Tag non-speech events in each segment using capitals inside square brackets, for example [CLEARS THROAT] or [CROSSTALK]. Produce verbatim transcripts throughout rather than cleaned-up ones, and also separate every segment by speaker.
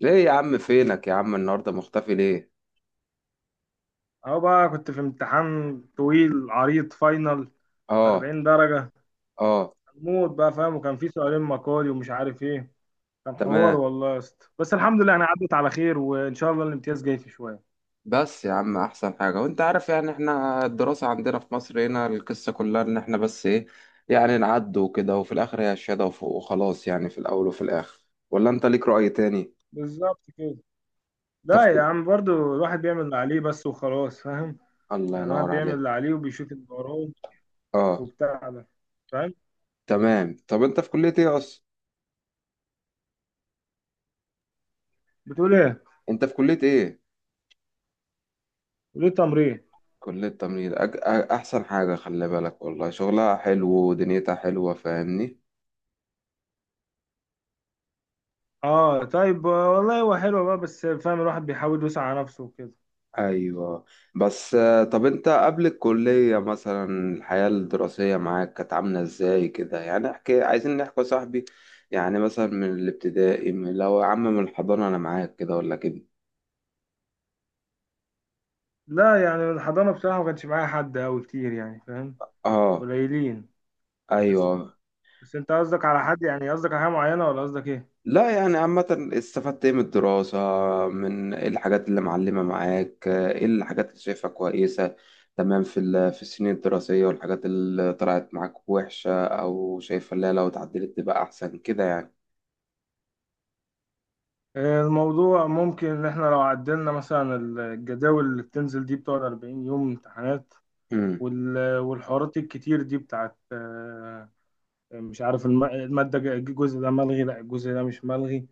Speaker 1: ليه يا عم فينك يا عم النهارده مختفي ليه؟
Speaker 2: اهو بقى كنت في امتحان طويل عريض فاينل
Speaker 1: اه.
Speaker 2: أربعين درجة
Speaker 1: اه.
Speaker 2: موت بقى، فاهم. وكان في سؤالين مقالي ومش عارف ايه. كان حوار
Speaker 1: تمام.
Speaker 2: والله يا اسطى، بس الحمد لله انا عدت على خير، وان شاء الله الامتياز جاي في شوية.
Speaker 1: بس يا عم، احسن حاجة وانت عارف، يعني احنا الدراسة عندنا في مصر، هنا القصة كلها ان احنا بس ايه، يعني نعدي وكده، وفي الاخر هي الشهادة، وف- وخلاص يعني، في الاول وفي الاخر. ولا انت ليك رأي تاني؟
Speaker 2: بالظبط كده.
Speaker 1: انت
Speaker 2: لا
Speaker 1: في
Speaker 2: يا
Speaker 1: كل-
Speaker 2: عم، برضو الواحد بيعمل اللي عليه بس وخلاص، فاهم.
Speaker 1: الله
Speaker 2: يعني الواحد
Speaker 1: ينور
Speaker 2: بيعمل
Speaker 1: عليك.
Speaker 2: اللي عليه وبيشوف اللي وراه
Speaker 1: اه.
Speaker 2: وبتاع ده، فاهم.
Speaker 1: تمام، طب انت في كلية ايه اصلا؟
Speaker 2: بتقول ايه.
Speaker 1: انت في كلية ايه؟
Speaker 2: بتقول ايه؟ تمرين.
Speaker 1: كلية تمريض. أج... أ- احسن حاجة، خلي بالك والله، شغلها حلو ودنيتها حلوة، فاهمني؟
Speaker 2: اه طيب والله هو حلو بقى، بس فاهم الواحد بيحاول يوسع على نفسه وكده.
Speaker 1: ايوه. بس آه، طب انت قبل الكلية مثلا، الحياة الدراسية معاك كانت عاملة ازاي كده؟ يعني احكي، عايزين نحكي يا صاحبي. يعني مثلا من الابتدائي، من لو يا عم من الحضانة، انا معاك كده ولا كده؟
Speaker 2: لا يعني الحضانة بصراحة ما كانش معايا حد أوي كتير، يعني فاهم.
Speaker 1: اه.
Speaker 2: قليلين. بس
Speaker 1: ايوه.
Speaker 2: بس أنت قصدك على حد؟ يعني قصدك على حاجة معينة ولا قصدك إيه؟
Speaker 1: لا، يعني عامة استفدت ايه من الدراسة؟ من ايه الحاجات اللي معلمة معاك؟ ايه الحاجات اللي شايفها كويسة تمام في ال- في السنين الدراسية؟ والحاجات اللي طلعت معاك وحشة او شايفها لا، لو اتعدلت تبقى احسن كده
Speaker 2: آه، الموضوع ممكن إن إحنا لو عدلنا مثلا الجداول اللي بتنزل دي بتقعد أربعين يوم امتحانات.
Speaker 1: يعني.
Speaker 2: وال- والحوارات الكتير دي بتاعت آه، مش عارف الم- المادة ج- الجزء ده ملغي، لا الجزء ده مش ملغي،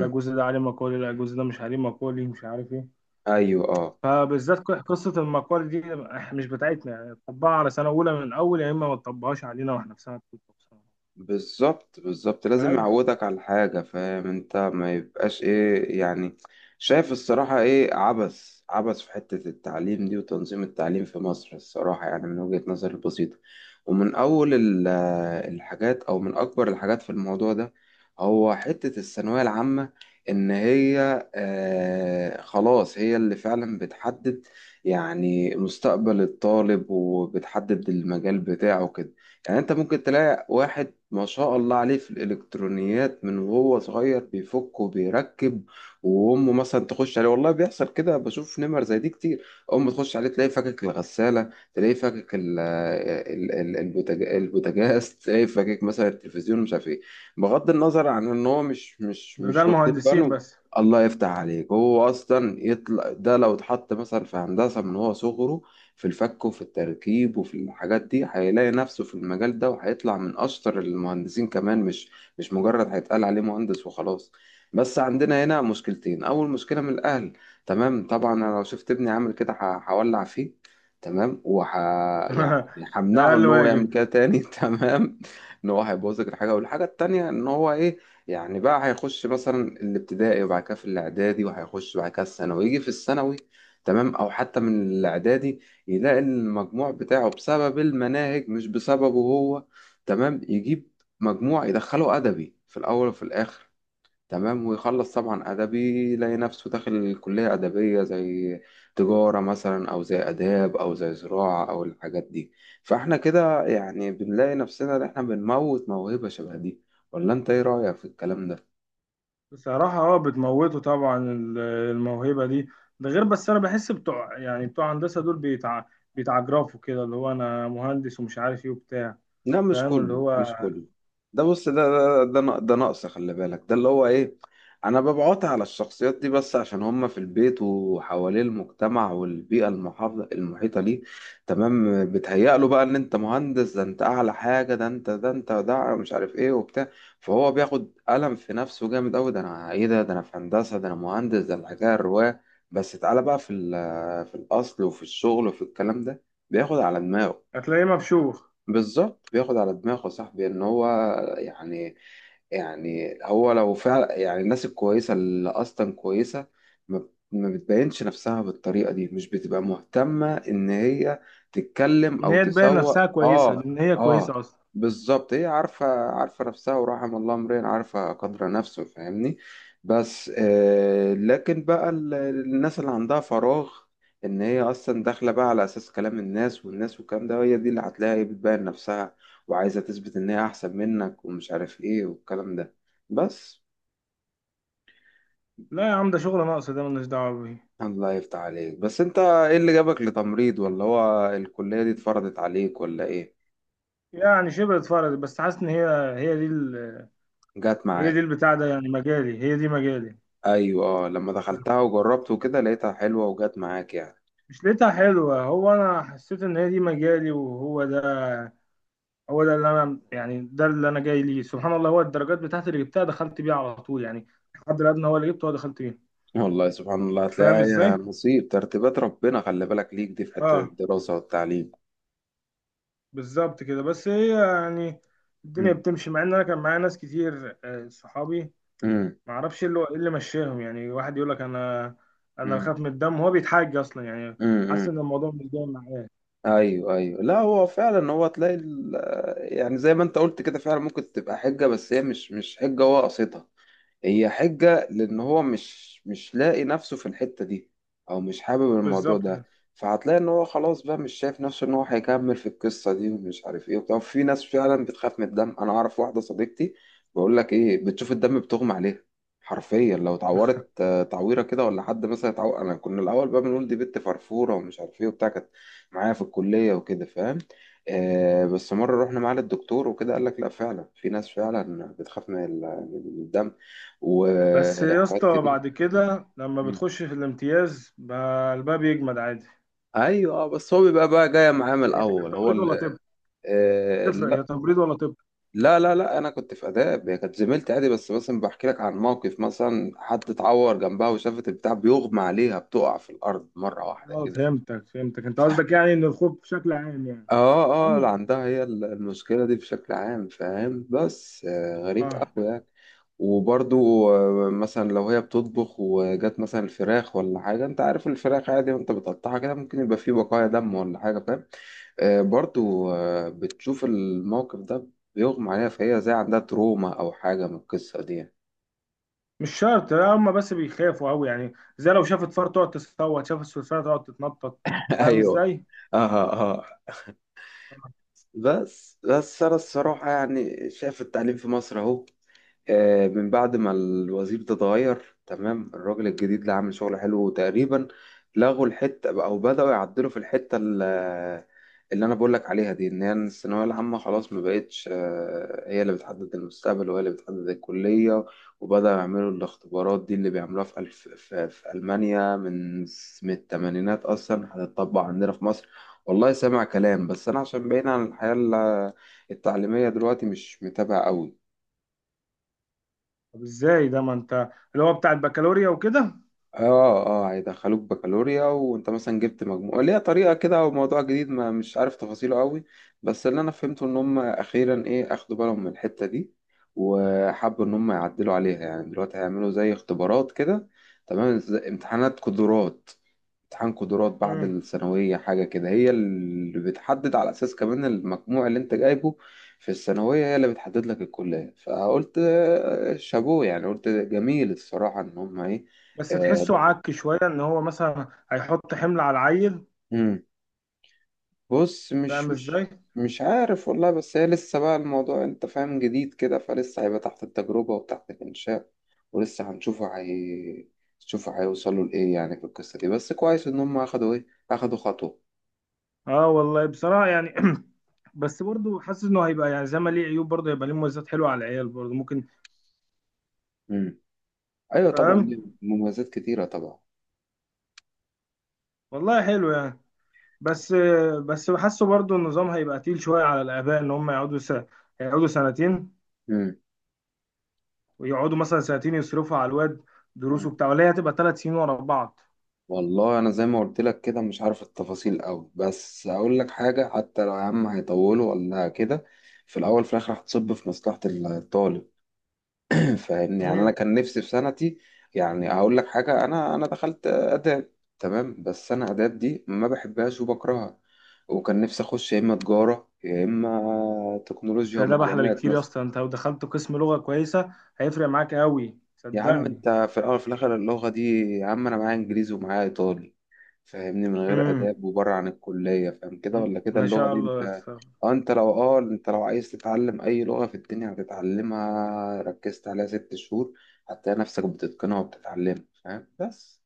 Speaker 2: لا الجزء ده عليه مقالي، لا الجزء ده مش عليه مقالي، مش عارف إيه.
Speaker 1: ايوه. اه،
Speaker 2: فبالذات ق- قصة المقال دي إح- مش بتاعتنا، يعني طبقها على سنة أولى من الأول، يا إما ما تطبقهاش علينا وإحنا في سنة تالتة وسنة.
Speaker 1: بالظبط بالظبط، لازم
Speaker 2: فاهم؟
Speaker 1: يعودك على حاجه، فاهم انت، ما يبقاش ايه يعني. شايف الصراحه ايه؟ عبث عبث في حته التعليم دي وتنظيم التعليم في مصر الصراحه، يعني من وجهه نظري البسيطه. ومن اول ال- آه، الحاجات، او من اكبر الحاجات في الموضوع ده، هو حته الثانويه العامه. ان هي آه خلاص، هي اللي فعلا بتحدد يعني مستقبل الطالب، وبتحدد المجال بتاعه كده. يعني انت ممكن تلاقي واحد ما شاء الله عليه في الالكترونيات من وهو صغير، بيفك وبيركب، وامه مثلا تخش عليه. والله بيحصل كده، بشوف نمر زي دي كتير. امه تخش عليه تلاقيه فكك الغساله، تلاقيه فكك ال- ال- ال- البوتاج- البوتاجاز [LAUGHS] تلاقيه فكك مثلا التلفزيون، مش عارف ايه. بغض النظر عن ان هو مش مش
Speaker 2: ده ده
Speaker 1: مش واخدين
Speaker 2: المهندسين
Speaker 1: بالهم.
Speaker 2: بس.
Speaker 1: الله يفتح عليك، هو اصلا يطلع ده لو اتحط مثلا في هندسه من هو صغره، في الفك وفي التركيب وفي الحاجات دي، هيلاقي نفسه في المجال ده، وهيطلع من أشطر المهندسين كمان، مش مش مجرد هيتقال عليه مهندس وخلاص. بس عندنا هنا مشكلتين. أول مشكلة من الأهل، تمام؟ طبعا أنا لو شفت ابني عامل كده، ه- هولع فيه. تمام، وح يعني
Speaker 2: [LAUGHS] ده
Speaker 1: همنعه
Speaker 2: أقل
Speaker 1: ان هو يعمل
Speaker 2: واجب.
Speaker 1: كده تاني [LAUGHS] تمام، ان هو هيبوظ لك الحاجه. والحاجه التانيه ان هو ايه، يعني بقى هيخش مثلا الابتدائي، وبعد كده في الاعدادي، وهيخش بعد كده الثانوي، يجي في الثانوي تمام، او حتى من الاعدادي، يلاقي إن المجموع بتاعه بسبب المناهج، مش بسببه هو، تمام، يجيب مجموع يدخله أدبي في الأول وفي الآخر. تمام، ويخلص طبعا أدبي، يلاقي نفسه داخل كلية أدبية، زي تجارة مثلا، أو زي آداب، أو زي زراعة، أو الحاجات دي. فإحنا كده يعني بنلاقي نفسنا إن إحنا بنموت موهبة شبه دي. ولا أنت إيه رأيك في الكلام ده؟
Speaker 2: بصراحة أه، بتموتوا طبعا ال- الموهبة دي. ده غير، بس أنا بحس بتوع، يعني بتوع هندسة دول بيتع... بيتعجرفوا كده، اللي هو أنا مهندس ومش عارف إيه وبتاع.
Speaker 1: لا، مش
Speaker 2: فاهم اللي
Speaker 1: كله
Speaker 2: هو
Speaker 1: مش كله. ده بص، ده ده ده, ن- ده نقص، خلي بالك. ده اللي هو ايه، انا ببعت على الشخصيات دي بس عشان هم في البيت، وحواليه المجتمع والبيئة المحافظة المحيطة ليه، تمام، بتهيأ له بقى ان انت مهندس، ده انت اعلى حاجة، ده انت، ده انت، ده مش عارف ايه وبتاع. فهو بياخد قلم في نفسه جامد قوي: ده انا ايه؟ ده ده انا في هندسة، ده انا مهندس، ده الحكاية الرواية. بس تعالى بقى في ال- في الاصل وفي الشغل وفي الكلام ده، بياخد على دماغه.
Speaker 2: هتلاقيه مبشوخ.
Speaker 1: بالظبط، بياخد على دماغه صاحبي، ان هو يعني، يعني هو لو فعلا يعني، الناس الكويسة اللي أصلا كويسة، ما ما بتبينش نفسها بالطريقة دي، مش بتبقى مهتمة إن هي تتكلم
Speaker 2: إن
Speaker 1: أو
Speaker 2: هي تبين نفسها
Speaker 1: تسوق
Speaker 2: كويسة
Speaker 1: آه
Speaker 2: لأن هي
Speaker 1: آه،
Speaker 2: كويسة أصلا.
Speaker 1: بالظبط، هي عارفة، عارفة نفسها، ورحم الله امرئ عارفة قدر نفسه، فاهمني. بس آه لكن بقى ال- الناس اللي عندها فراغ، إن هي أصلا داخلة بقى على أساس كلام الناس والناس والكلام ده، هي دي اللي هتلاقي بتبين نفسها، وعايزة تثبت إن هي أحسن منك ومش عارف إيه والكلام ده. بس.
Speaker 2: لا يا عم، ده شغل ناقص، ده ملناش دعوة بيه.
Speaker 1: الله يفتح عليك. بس أنت إيه اللي جابك لتمريض؟ ولا هو الكلية دي اتفرضت عليك ولا إيه؟
Speaker 2: يعني شبه اتفرجت، بس حاسس ان هي هي دي ال...
Speaker 1: جات
Speaker 2: هي دي
Speaker 1: معاك.
Speaker 2: البتاع ده، يعني مجالي. هي دي مجالي.
Speaker 1: أيوة. آه لما دخلتها وجربت وكده لقيتها حلوة وجات معاك يعني.
Speaker 2: مش لقيتها حلوة، هو انا حسيت ان هي دي مجالي، وهو ده هو ده اللي انا، يعني ده اللي انا جاي ليه. سبحان الله، هو الدرجات بتاعتي اللي جبتها دخلت بيها على طول يعني. الحد الادنى هو اللي جبته هو دخلت بيه.
Speaker 1: والله سبحان الله،
Speaker 2: فاهم
Speaker 1: هتلاقيها هي
Speaker 2: ازاي.
Speaker 1: نصيب، ترتيبات ربنا، خلي بالك ليك دي في حتة
Speaker 2: اه.
Speaker 1: الدراسة والتعليم.
Speaker 2: بالظبط كده، بس هي يعني الدنيا
Speaker 1: مم.
Speaker 2: بتمشي مع ان انا كان معايا ناس كتير آه، صحابي.
Speaker 1: مم.
Speaker 2: ما اعرفش ايه اللي إيه اللي مشاهم يعني واحد يقول لك انا انا
Speaker 1: مم.
Speaker 2: بخاف من الدم، هو بيتحاج اصلا يعني. حاسس
Speaker 1: مم.
Speaker 2: ان الموضوع مش جاي معاه.
Speaker 1: ايوه ايوه، لا هو فعلا، هو تلاقي ال- يعني زي ما انت قلت كده فعلا، ممكن تبقى حجه، بس هي مش مش حجه هو قصدها، هي حجة لأن هو مش مش لاقي نفسه في الحتة دي، أو مش حابب الموضوع
Speaker 2: بالظبط
Speaker 1: ده.
Speaker 2: كده.
Speaker 1: فهتلاقي إن هو خلاص بقى مش شايف نفسه إن هو هيكمل في القصة دي ومش عارف إيه وبتاع. في ناس فعلا بتخاف من الدم، أنا أعرف واحدة صديقتي بقول لك إيه، بتشوف الدم بتغمى عليها حرفيا. لو اتعورت آه، تعويرة كده، ولا حد مثلا اتعور. أنا كنا الأول بقى بنقول دي بنت فرفورة ومش عارف إيه وبتاع، كانت معايا في الكلية وكده، فاهم. آه بس مرة رحنا معاه للدكتور وكده، قال لك لا فعلا في ناس فعلا بتخاف من ال- من الدم،
Speaker 2: بس يا
Speaker 1: وحاجات
Speaker 2: اسطى
Speaker 1: كتير.
Speaker 2: بعد كده لما
Speaker 1: مم.
Speaker 2: بتخش في الامتياز بقى الباب يجمد عادي.
Speaker 1: ايوه اه، بس هو بيبقى بقى جايه معاه من
Speaker 2: هي
Speaker 1: الاول، هو
Speaker 2: تمريض
Speaker 1: ال-
Speaker 2: ولا طب؟
Speaker 1: آه
Speaker 2: تفرق
Speaker 1: لا
Speaker 2: هي تمريض ولا طب؟
Speaker 1: لا لا لا، انا كنت في اداب، هي كانت زميلتي عادي، بس مثلا بحكي لك عن موقف مثلا حد اتعور جنبها وشافت البتاع بيغمى عليها، بتقع في الارض مره واحده
Speaker 2: اه
Speaker 1: كده.
Speaker 2: فهمتك فهمتك، انت قصدك يعني ان الخوف بشكل عام يعني.
Speaker 1: اه اه، اللي
Speaker 2: اما.
Speaker 1: عندها هي المشكلة دي بشكل عام، فاهم؟ بس آه، غريب
Speaker 2: اه.
Speaker 1: قوي يعني. وبرضو آه، مثلا لو هي بتطبخ وجات مثلا الفراخ ولا حاجة، انت عارف الفراخ عادي وانت بتقطعها كده ممكن يبقى فيه بقايا دم ولا حاجة، فاهم، آه، برضو آه، بتشوف الموقف ده بيغمى عليها. فهي زي عندها تروما او حاجة من القصة دي يعني.
Speaker 2: مش شرط، هم بس بيخافوا قوي يعني. زي لو شافت فار تقعد تصوت، شافت سلسله تقعد تتنطط.
Speaker 1: [LAUGHS]
Speaker 2: فاهم
Speaker 1: ايوه
Speaker 2: ازاي.
Speaker 1: اه اه آه. بس بس انا الصراحة يعني شايف التعليم في مصر اهو آه، من بعد ما الوزير ده اتغير تمام، الراجل الجديد اللي عامل شغل حلو، وتقريبا لغوا الحتة، أو بدأوا يعدلوا في الحتة ال- اللي أنا بقولك عليها دي، إن هي الثانوية العامة خلاص ما بقتش آه، هي اللي بتحدد المستقبل وهي اللي بتحدد الكلية. وبدأوا يعملوا الاختبارات دي اللي بيعملوها في ألف في, في ألمانيا من من التمانينات أصلا، هتطبق عندنا في مصر. والله سامع كلام، بس أنا عشان بعيد عن الحياة ال- التعليمية دلوقتي مش متابع أوي.
Speaker 2: طب ازاي ده؟ ما انت اللي هو بتاع البكالوريا وكده.
Speaker 1: اه. اه هيدخلوك بكالوريا، وانت مثلا جبت مجموع ليها طريقة كده، او موضوع جديد ما مش عارف تفاصيله قوي. بس اللي انا فهمته ان هم اخيرا ايه، اخدوا بالهم من الحتة دي، وحبوا ان هم يعدلوا عليها. يعني دلوقتي هيعملوا زي اختبارات كده تمام، زي امتحانات قدرات، امتحان قدرات بعد
Speaker 2: مم.
Speaker 1: الثانوية حاجة كده هي اللي بتحدد، على أساس كمان المجموع اللي أنت جايبه في الثانوية هي اللي بتحدد لك الكلية. فقلت آه، شابوه يعني، قلت جميل الصراحة إن هما إيه،
Speaker 2: بس
Speaker 1: آه،
Speaker 2: تحسه
Speaker 1: ضافوا.
Speaker 2: عك شوية ان هو مثلا هيحط حمل على العيل.
Speaker 1: مم. بص، مش
Speaker 2: فاهم
Speaker 1: مش
Speaker 2: ازاي.
Speaker 1: مش عارف والله، بس هي لسه بقى الموضوع أنت فاهم جديد كده، فلسه هيبقى تحت التجربة وتحت الإنشاء، ولسه هنشوفه، هي شوفوا هيوصلوا لإيه يعني في القصة دي، بس كويس إن هما أخدوا إيه أخدوا خطوة.
Speaker 2: اه والله بصراحة يعني [CLEARS THROAT] بس برضه حاسس انه هيبقى، يعني زي ما ليه عيوب برضه هيبقى ليه مميزات حلوه على العيال برضه ممكن.
Speaker 1: ايوه طبعا،
Speaker 2: فاهم.
Speaker 1: ليه مميزات كتيره طبعا.
Speaker 2: والله حلو يعني. بس. بس بحسه برضه النظام هيبقى تقيل شويه على الاباء، ان هم يقعدوا س... يقعدوا سنتين.
Speaker 1: مم.
Speaker 2: ويقعدوا مثلا سنتين يصرفوا على الواد دروس
Speaker 1: مم.
Speaker 2: وبتاع، ولا هي هتبقى ثلاث سنين ورا بعض.
Speaker 1: والله انا زي ما قلت لك كده مش عارف التفاصيل قوي، بس اقول لك حاجه، حتى لو يا عم هيطولوا ولا كده، في الاول في الاخر هتصب في مصلحه الطالب. [CLEARS THROAT] فاهمني، يعني انا
Speaker 2: امم
Speaker 1: كان نفسي في سنتي. يعني هقول لك حاجه، انا انا دخلت اداب تمام، بس انا اداب دي ما بحبهاش وبكرهها، وكان نفسي اخش يا اما تجاره، يا اما
Speaker 2: بس
Speaker 1: تكنولوجيا
Speaker 2: ده احلى
Speaker 1: ومعلومات
Speaker 2: بكتير يا
Speaker 1: مثلا.
Speaker 2: اسطى، انت لو دخلت قسم لغه كويسه هيفرق معاك قوي
Speaker 1: يا عم
Speaker 2: صدقني.
Speaker 1: انت في الاول في الاخر اللغه دي، يا عم انا معايا انجليزي ومعايا ايطالي، فاهمني، من غير
Speaker 2: امم
Speaker 1: آداب وبره عن الكلية، فاهم كده ولا كده،
Speaker 2: ما
Speaker 1: اللغة
Speaker 2: شاء
Speaker 1: دي انت
Speaker 2: الله يس-
Speaker 1: اه. انت لو اه، انت لو عايز تتعلم اي لغة في الدنيا هتتعلمها، ركزت عليها ست شهور هتلاقي نفسك بتتقنها وبتتعلمها، فاهم بس.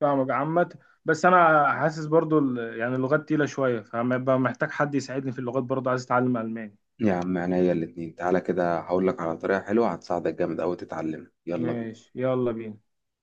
Speaker 2: فاهمك عامة. بس انا حاسس برضو ال- يعني اللغات تقيلة شوية، فهبقى محتاج حد يساعدني في اللغات، برضو عايز اتعلم الماني.
Speaker 1: يا عم عينيا الاتنين، تعالى كده هقول لك على طريقة حلوة هتساعدك جامد أوي تتعلمها، يلا بينا.
Speaker 2: ماشي يلا بينا.